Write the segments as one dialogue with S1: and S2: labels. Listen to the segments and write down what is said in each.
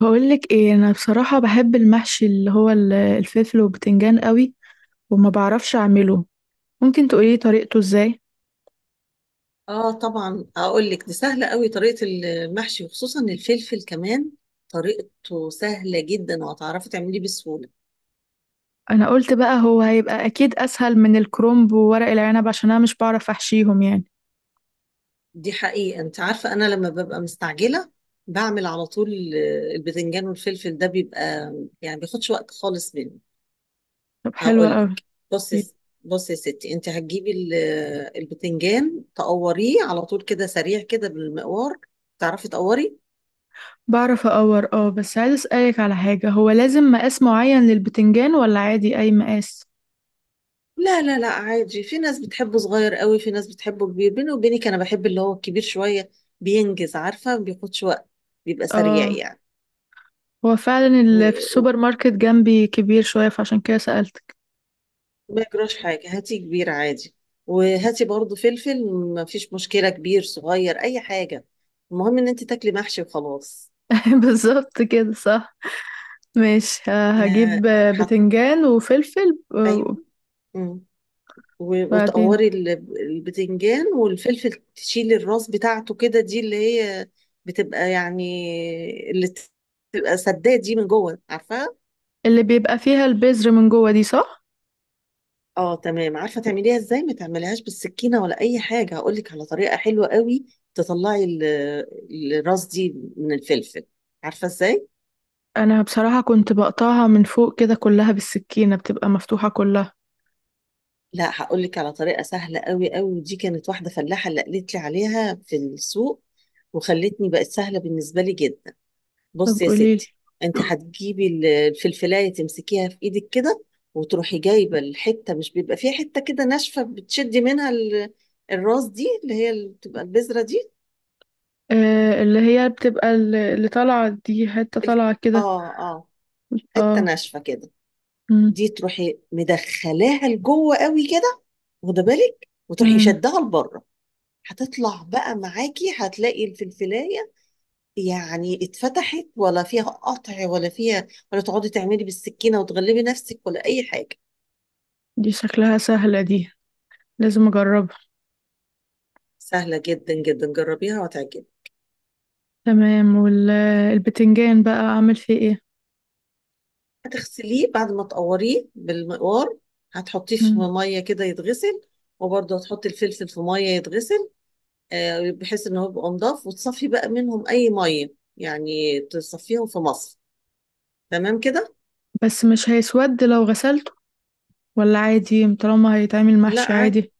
S1: بقولك ايه، انا بصراحة بحب المحشي اللي هو الفلفل والبتنجان قوي، وما بعرفش اعمله. ممكن تقولي طريقته ازاي؟
S2: اه طبعا اقول لك، دي سهله قوي طريقه المحشي وخصوصا الفلفل كمان. طريقته سهله جدا وهتعرفي تعمليه بسهوله.
S1: انا قلت بقى هو هيبقى اكيد اسهل من الكرنب وورق العنب، عشان انا مش بعرف احشيهم يعني.
S2: دي حقيقه، انت عارفه انا لما ببقى مستعجله بعمل على طول، البذنجان والفلفل ده بيبقى يعني بياخدش وقت خالص مني.
S1: طب، حلو
S2: اقول
S1: قوي.
S2: لك، بصي، بصي يا ستي، انت هتجيبي ال- البذنجان تقوريه على طول كده سريع كده بالمقوار، تعرفي تقوري؟
S1: بعرف اقور، اه، بس عايز اسألك على حاجة. هو لازم مقاس معين للبتنجان، ولا عادي اي مقاس؟
S2: لا لا لا، عادي، في ناس بتحبه صغير قوي، في ناس بتحبه كبير، بيني وبينك انا بحب اللي هو الكبير شويه، بينجز، عارفه، ما بياخدش وقت، بيبقى سريع
S1: اه،
S2: يعني.
S1: هو فعلا
S2: و-
S1: اللي في
S2: و-
S1: السوبر ماركت جنبي كبير شوية، فعشان كده سألتك.
S2: وما يجراش حاجه، هاتي كبير عادي، وهاتي برضو فلفل، ما فيش مشكله، كبير صغير اي حاجه، المهم ان انت تاكلي محشي وخلاص.
S1: بالظبط كده، صح. ماشي،
S2: آه،
S1: هجيب
S2: حط،
S1: بتنجان وفلفل
S2: ايوه، و-
S1: وبعدين؟
S2: وتقوري ال- البتنجان والفلفل، تشيلي الراس بتاعته كده، دي اللي هي بتبقى يعني اللي بتبقى سداد دي من جوه، عارفاها.
S1: اللي بيبقى فيها البذر من جوه دي، صح؟
S2: اه تمام، عارفه تعمليها ازاي؟ ما تعمليهاش بالسكينه ولا اي حاجه، هقول لك على طريقه حلوه قوي. تطلعي ال- الراس دي من الفلفل، عارفه ازاي؟
S1: انا بصراحة كنت بقطعها من فوق كده كلها بالسكينة، بتبقى مفتوحة كلها.
S2: لا، هقول لك على طريقه سهله قوي قوي، ودي كانت واحده فلاحه اللي قالت لي عليها في السوق، وخلتني بقت سهله بالنسبه لي جدا.
S1: طب
S2: بصي يا
S1: قوليلي.
S2: ستي، انت هتجيبي ال- الفلفلايه، تمسكيها في ايدك كده، وتروحي جايبه الحته، مش بيبقى فيها حته كده ناشفه؟ بتشدي منها ال- الراس دي، اللي هي اللي بتبقى البذره دي.
S1: آه، اللي هي بتبقى اللي طالعة دي، حتة
S2: ال-
S1: طالعة كده.
S2: اه اه، حته
S1: اه.
S2: ناشفه كده.
S1: مم.
S2: دي تروحي مدخلاها لجوه قوي كده، واخده بالك، وتروحي
S1: مم.
S2: شدها لبره، هتطلع بقى معاكي، هتلاقي الفلفلايه يعني اتفتحت، ولا فيها قطع، ولا فيها، ولا تقعدي تعملي بالسكينه وتغلبي نفسك ولا اي حاجه.
S1: دي شكلها سهلة دي، لازم اجربها.
S2: سهلة جدا جدا، جربيها وهتعجبك.
S1: تمام، والبتنجان بقى اعمل فيه ايه؟
S2: هتغسليه بعد ما تقوريه بالمقوار، هتحطيه في
S1: مم.
S2: مية كده يتغسل، وبرضه هتحطي الفلفل في مية يتغسل. آه، بحيث ان هو يبقى نضاف، وتصفي بقى منهم اي مية يعني، تصفيهم في مصر، تمام كده؟
S1: بس مش هيسود لو غسلته، ولا عادي طالما هيتعمل
S2: لا
S1: محشي
S2: عادي،
S1: عادي؟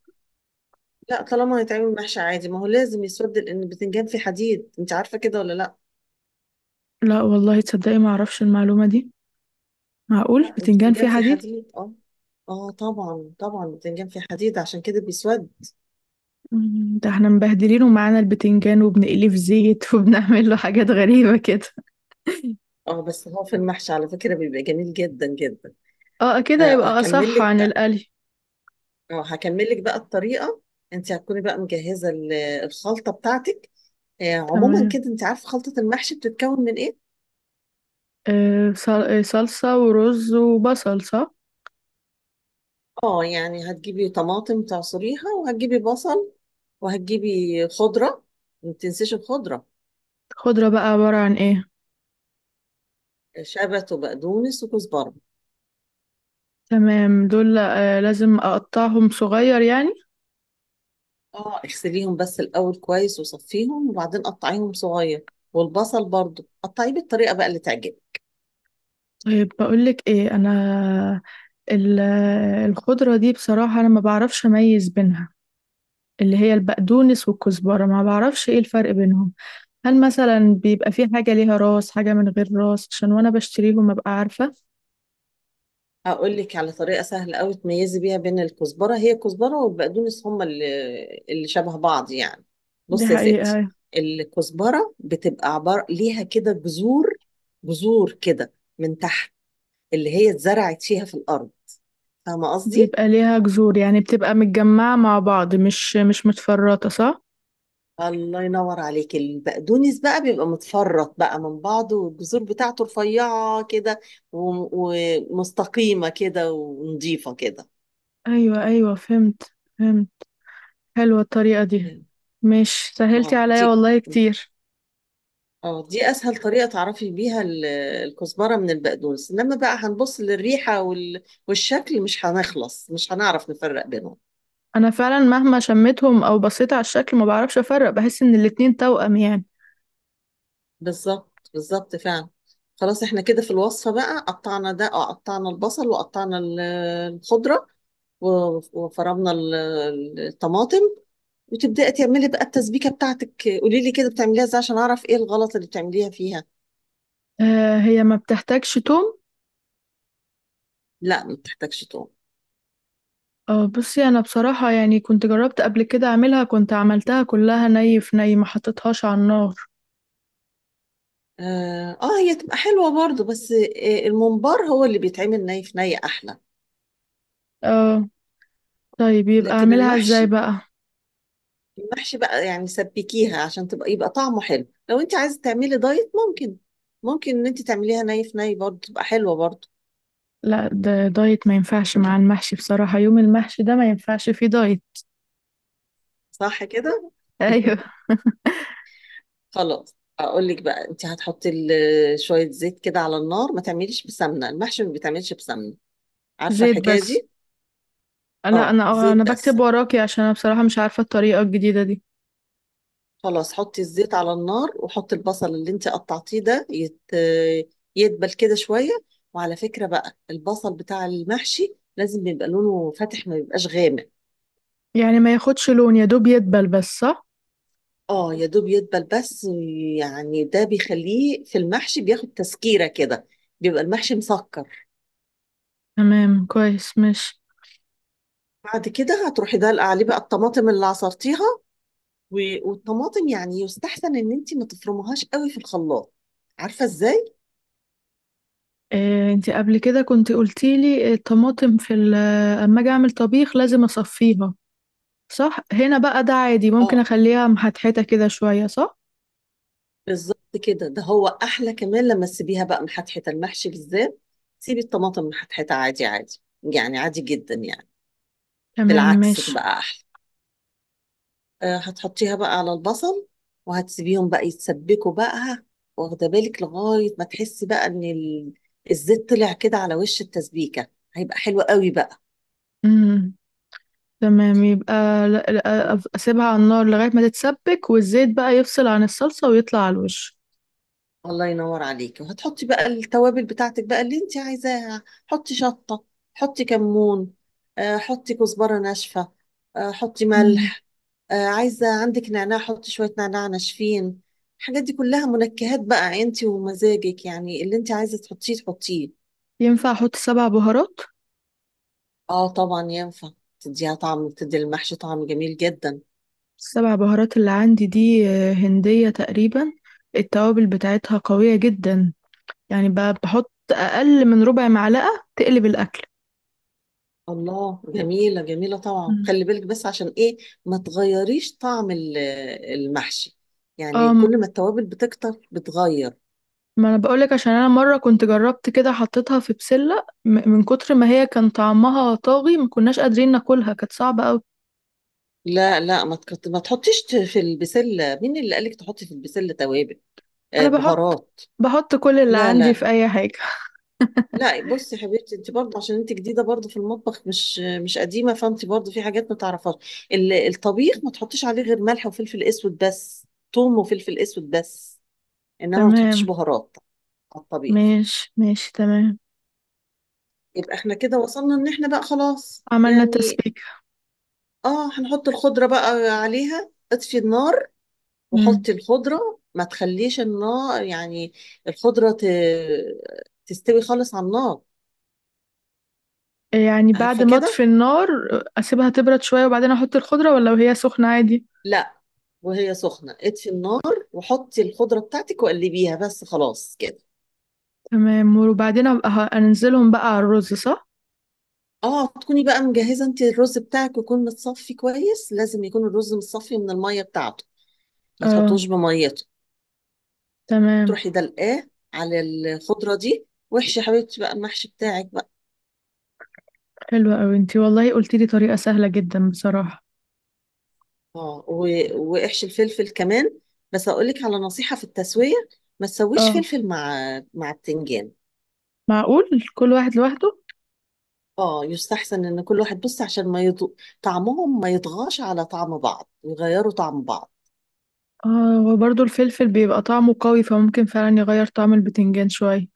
S2: لا طالما هيتعمل محشي عادي، ما هو لازم يسود، لان البتنجان فيه حديد، انت عارفة كده ولا لا؟
S1: لا والله، تصدقي ما اعرفش المعلومة دي. معقول
S2: لا
S1: بتنجان
S2: البتنجان
S1: فيه
S2: فيه
S1: حديد؟
S2: حديد، اه. اه طبعا طبعا، البتنجان فيه حديد عشان كده بيسود.
S1: مم، ده احنا مبهدلينه معانا البتنجان وبنقليه في زيت وبنعمل له حاجات غريبة كده.
S2: اه بس هو في المحشي على فكرة بيبقى جميل جدا جدا.
S1: اه، كده
S2: آه،
S1: يبقى
S2: هكمل
S1: اصح
S2: لك
S1: عن
S2: بقى،
S1: القلي.
S2: اه هكمل لك بقى الطريقه. انت هتكوني بقى مجهزه ال- الخلطه بتاعتك. آه، عموما
S1: تمام.
S2: كده انت عارفه خلطه المحشي بتتكون من ايه.
S1: صلصة ورز وبصل، صح؟
S2: اه يعني هتجيبي طماطم تعصريها، وهتجيبي بصل، وهتجيبي خضره، ما تنسيش الخضره،
S1: خضرة بقى عبارة عن ايه؟
S2: شبت وبقدونس وكزبره.
S1: تمام دول، لازم اقطعهم صغير يعني.
S2: اه اغسليهم بس الاول كويس، وصفيهم، وبعدين قطعيهم صغير، والبصل برضو قطعيه بالطريقه بقى اللي تعجبك.
S1: طيب بقولك ايه، انا ال- الخضرة دي بصراحة انا ما بعرفش اميز بينها، اللي هي البقدونس والكزبرة، ما بعرفش ايه الفرق بينهم. هل مثلا بيبقى في حاجة ليها راس، حاجة من غير راس، عشان وانا بشتريهم ابقى عارفة؟
S2: هقول لك على طريقة سهلة قوي تميزي بيها بين الكزبرة، هي الكزبرة والبقدونس هما اللي شبه بعض يعني.
S1: دي
S2: بصي يا ستي،
S1: حقيقة.
S2: الكزبرة بتبقى عبارة ليها كده جذور، جذور كده من تحت، اللي هي اتزرعت فيها في الأرض، فاهمة قصدي؟
S1: بيبقى ليها جذور، يعني بتبقى متجمعة مع بعض، مش متفرطة، صح؟
S2: الله ينور عليك. البقدونس بقى بيبقى متفرط بقى من بعضه، والجذور بتاعته رفيعة كده، و- ومستقيمة كده، ونظيفة كده.
S1: ايوه ايوه، فهمت، فهمت. حلوة الطريقة دي، مش
S2: اه
S1: سهلتي عليا
S2: دي،
S1: والله كتير.
S2: اه دي اسهل طريقه تعرفي بيها ال- الكزبره من البقدونس، انما بقى هنبص للريحه وال... والشكل، مش هنخلص، مش هنعرف نفرق بينهم.
S1: انا فعلا مهما شميتهم او بصيت على الشكل ما بعرفش افرق، بحس ان الاتنين توأم يعني.
S2: بالظبط بالظبط، فعلا. خلاص احنا كده في الوصفه بقى، قطعنا ده، اه قطعنا البصل، وقطعنا ال- الخضره، و- وفرمنا ال- الطماطم، وتبداي تعملي بقى التسبيكه بتاعتك. قولي لي كده بتعمليها ازاي عشان اعرف ايه الغلط اللي بتعمليها فيها.
S1: آه، هي ما بتحتاجش توم.
S2: لا ما بتحتاجش.
S1: اه، بصي، انا بصراحة يعني كنت جربت قبل كده اعملها، كنت عملتها كلها ني في ني، ما حطيتهاش على النار.
S2: آه, هي تبقى حلوة برضو، بس آه الممبار هو اللي بيتعمل ني في ني أحلى.
S1: اه. طيب يبقى
S2: لكن
S1: اعملها ازاي
S2: المحشي،
S1: بقى؟
S2: المحشي بقى يعني سبكيها عشان تبقى، يبقى طعمه حلو. لو أنت عايزة تعملي دايت، ممكن إن أنت تعمليها ني في ني برضو، تبقى حلوة برضو.
S1: لا، ده دايت ما ينفعش مع المحشي بصراحة، يوم المحشي ده ما ينفعش فيه دايت.
S2: صح كده؟
S1: ايوه.
S2: خلاص، أقول لك بقى، أنت هتحطي ال- شوية زيت كده على النار، ما تعمليش بسمنة، المحشي ما بيتعملش بسمنة، عارفة
S1: زيت
S2: الحكاية
S1: بس؟
S2: دي؟
S1: لا،
S2: آه
S1: انا اه
S2: زيت
S1: انا
S2: بس.
S1: بكتب وراكي عشان انا بصراحة مش عارفة الطريقة الجديدة دي.
S2: خلاص، حطي الزيت على النار، وحطي البصل اللي انت قطعتيه ده يدبل كده شوية. وعلى فكرة بقى البصل بتاع المحشي لازم يبقى لونه فاتح، ما يبقاش غامق.
S1: يعني ما ياخدش لون، يا دوب يدبل بس، صح؟
S2: اه يا دوب يدبل بس، يعني ده بيخليه في المحشي بياخد تسكيرة كده، بيبقى المحشي مسكر.
S1: تمام كويس. مش،
S2: بعد كده هتروحي دلقة عليه بقى الطماطم اللي عصرتيها. و- والطماطم يعني يستحسن ان انت ما تفرميهاش قوي في الخلاط، عارفة ازاي؟
S1: إيه، انتي قبل كده كنت قلتيلي الطماطم. اما اجي اعمل طبيخ لازم اصفيها، صح. هنا بقى ده عادي، ممكن
S2: اه
S1: اخليها محتحته كده شويه، صح؟
S2: بالظبط كده، ده هو احلى كمان لما تسيبيها بقى محتحته، المحشي بالذات سيبي الطماطم محتحته، عادي عادي يعني، عادي جدا يعني،
S1: تمام
S2: بالعكس
S1: ماشي.
S2: تبقى احلى. أه هتحطيها بقى على البصل، وهتسيبيهم بقى يتسبكوا بقى، واخده بالك لغايه ما تحسي بقى ان ال- الزيت طلع كده على وش التسبيكه، هيبقى حلو قوي بقى.
S1: امم تمام يبقى، لا، اسيبها على النار لغايه ما تتسبك، والزيت بقى يفصل عن الصلصه ويطلع على الوش.
S2: الله ينور عليكي، وهتحطي بقى التوابل بتاعتك بقى اللي انت عايزاها، حطي شطة، حطي كمون، آه، حطي كزبرة ناشفة، آه، حطي
S1: امم
S2: ملح، آه، عايزة عندك نعناع حطي شوية نعناع ناشفين. الحاجات دي كلها منكهات بقى، انت ومزاجك، يعني اللي انت عايزة تحطيه تحطيه.
S1: ينفع احط سبع بهارات؟
S2: اه طبعا ينفع، تديها طعم، تدي المحشي طعم جميل جدا.
S1: السبع بهارات اللي عندي دي هنديه تقريبا، التوابل بتاعتها قويه جدا، يعني بحط اقل من ربع معلقه تقلب الاكل.
S2: الله، جميلة جميلة طبعا، خلي بالك بس، عشان ايه؟ ما تغيريش طعم ال- المحشي، يعني
S1: أم
S2: كل ما التوابل بتكتر بتغير.
S1: ما انا بقولك، عشان انا مره كنت جربت كده حطيتها في بسله من كتر ما هي كان طعمها طاغي، ما كناش قادرين ناكلها، كانت صعبه قوي.
S2: لا لا، ما تحطيش في البسلة، مين اللي قالك تحطي في البسلة توابل؟ آه
S1: انا بحط
S2: بهارات.
S1: بحط كل اللي
S2: لا لا
S1: عندي في
S2: لا
S1: اي حاجه.
S2: لا. بصي يا حبيبتي، انت برضه عشان انت جديدة برضه في المطبخ، مش قديمة، فانت برضه في حاجات ما تعرفهاش. ال- الطبيخ ما تحطيش عليه غير ملح وفلفل اسود بس، ثوم وفلفل اسود بس، انما ما تحطيش
S1: تمام،
S2: بهارات على الطبيخ.
S1: ماشي ماشي، تمام.
S2: يبقى احنا كده وصلنا ان احنا بقى خلاص
S1: عملنا
S2: يعني.
S1: تسبيكه.
S2: اه هنحط الخضرة بقى عليها، اطفي النار
S1: امم
S2: وحطي الخضرة، ما تخليش النار يعني الخضرة تستوي خالص على النار،
S1: يعني بعد
S2: عارفة
S1: ما
S2: كده؟
S1: اطفي النار اسيبها تبرد شويه وبعدين احط الخضره، ولا وهي سخنه عادي؟
S2: لا، وهي سخنة اطفي النار، وحطي الخضرة بتاعتك وقلبيها بس، خلاص كده.
S1: تمام، وبعدين ابقى انزلهم بقى على الرز، صح؟
S2: اه تكوني بقى مجهزة انت، الرز بتاعك يكون متصفي كويس، لازم يكون الرز متصفي من المية بتاعته، ما
S1: اه،
S2: تحطوش بميته،
S1: تمام.
S2: تروحي دلقاه على الخضرة دي، واحشي يا حبيبتي بقى المحشي بتاعك بقى.
S1: حلوه قوي انتي والله، قلتيلي طريقه سهله جدا بصراحه.
S2: اه و- واحشي الفلفل كمان. بس اقول لك على نصيحة في التسوية، ما تسويش
S1: اه.
S2: فلفل مع التنجان.
S1: معقول. كل واحد لوحده.
S2: اه يستحسن ان كل واحد بص، عشان ما يض... طعمهم ما يطغاش على طعم بعض، يغيروا طعم بعض.
S1: اه، وبرضه الفلفل بيبقى طعمه قوي، فممكن فعلا يغير طعم البتنجان شوية.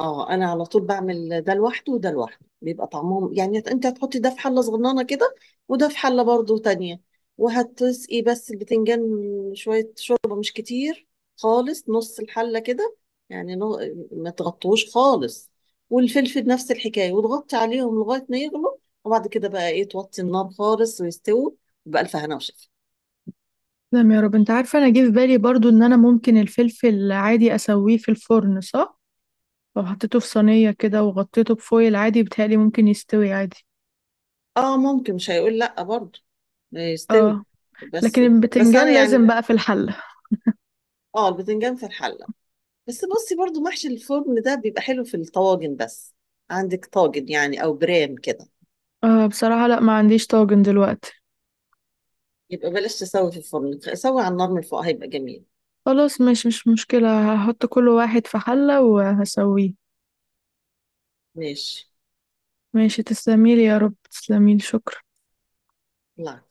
S2: اه انا على طول بعمل ده لوحده وده لوحده، بيبقى طعمهم يعني، انت هتحطي ده في حله صغننه كده، وده في حله برضو تانية، وهتسقي بس البتنجان شويه شوربه، مش كتير خالص، نص الحله كده، يعني ما تغطوش خالص. والفلفل نفس الحكايه، وتغطي عليهم لغايه ما يغلوا، وبعد كده بقى ايه، توطي النار خالص ويستووا، بألف هنا وشفا.
S1: تمام يا رب، انت عارفة انا جه في بالي برضه ان انا ممكن الفلفل عادي اسويه في الفرن صح، لو حطيته في صينية كده وغطيته بفويل عادي، بيتهيألي ممكن يستوي عادي.
S2: اه ممكن، مش هيقول لا برضو، يستوي.
S1: اه. لكن
S2: بس، انا
S1: البتنجان لازم
S2: يعني،
S1: بقى في الحلة.
S2: اه البتنجان في الحله، بس بصي برضو محشي الفرن ده بيبقى حلو في الطواجن بس، عندك طاجن يعني او برام كده.
S1: آه، بصراحة لا، ما عنديش طاجن دلوقتي.
S2: يبقى بلاش تسوي في الفرن، سوي على النار من فوق هيبقى جميل.
S1: خلاص ماشي، مش مشكلة، هحط كل واحد في حلة وهسويه.
S2: ماشي،
S1: ماشي، تسلميلي يا رب، تسلميلي، شكرا.
S2: لا.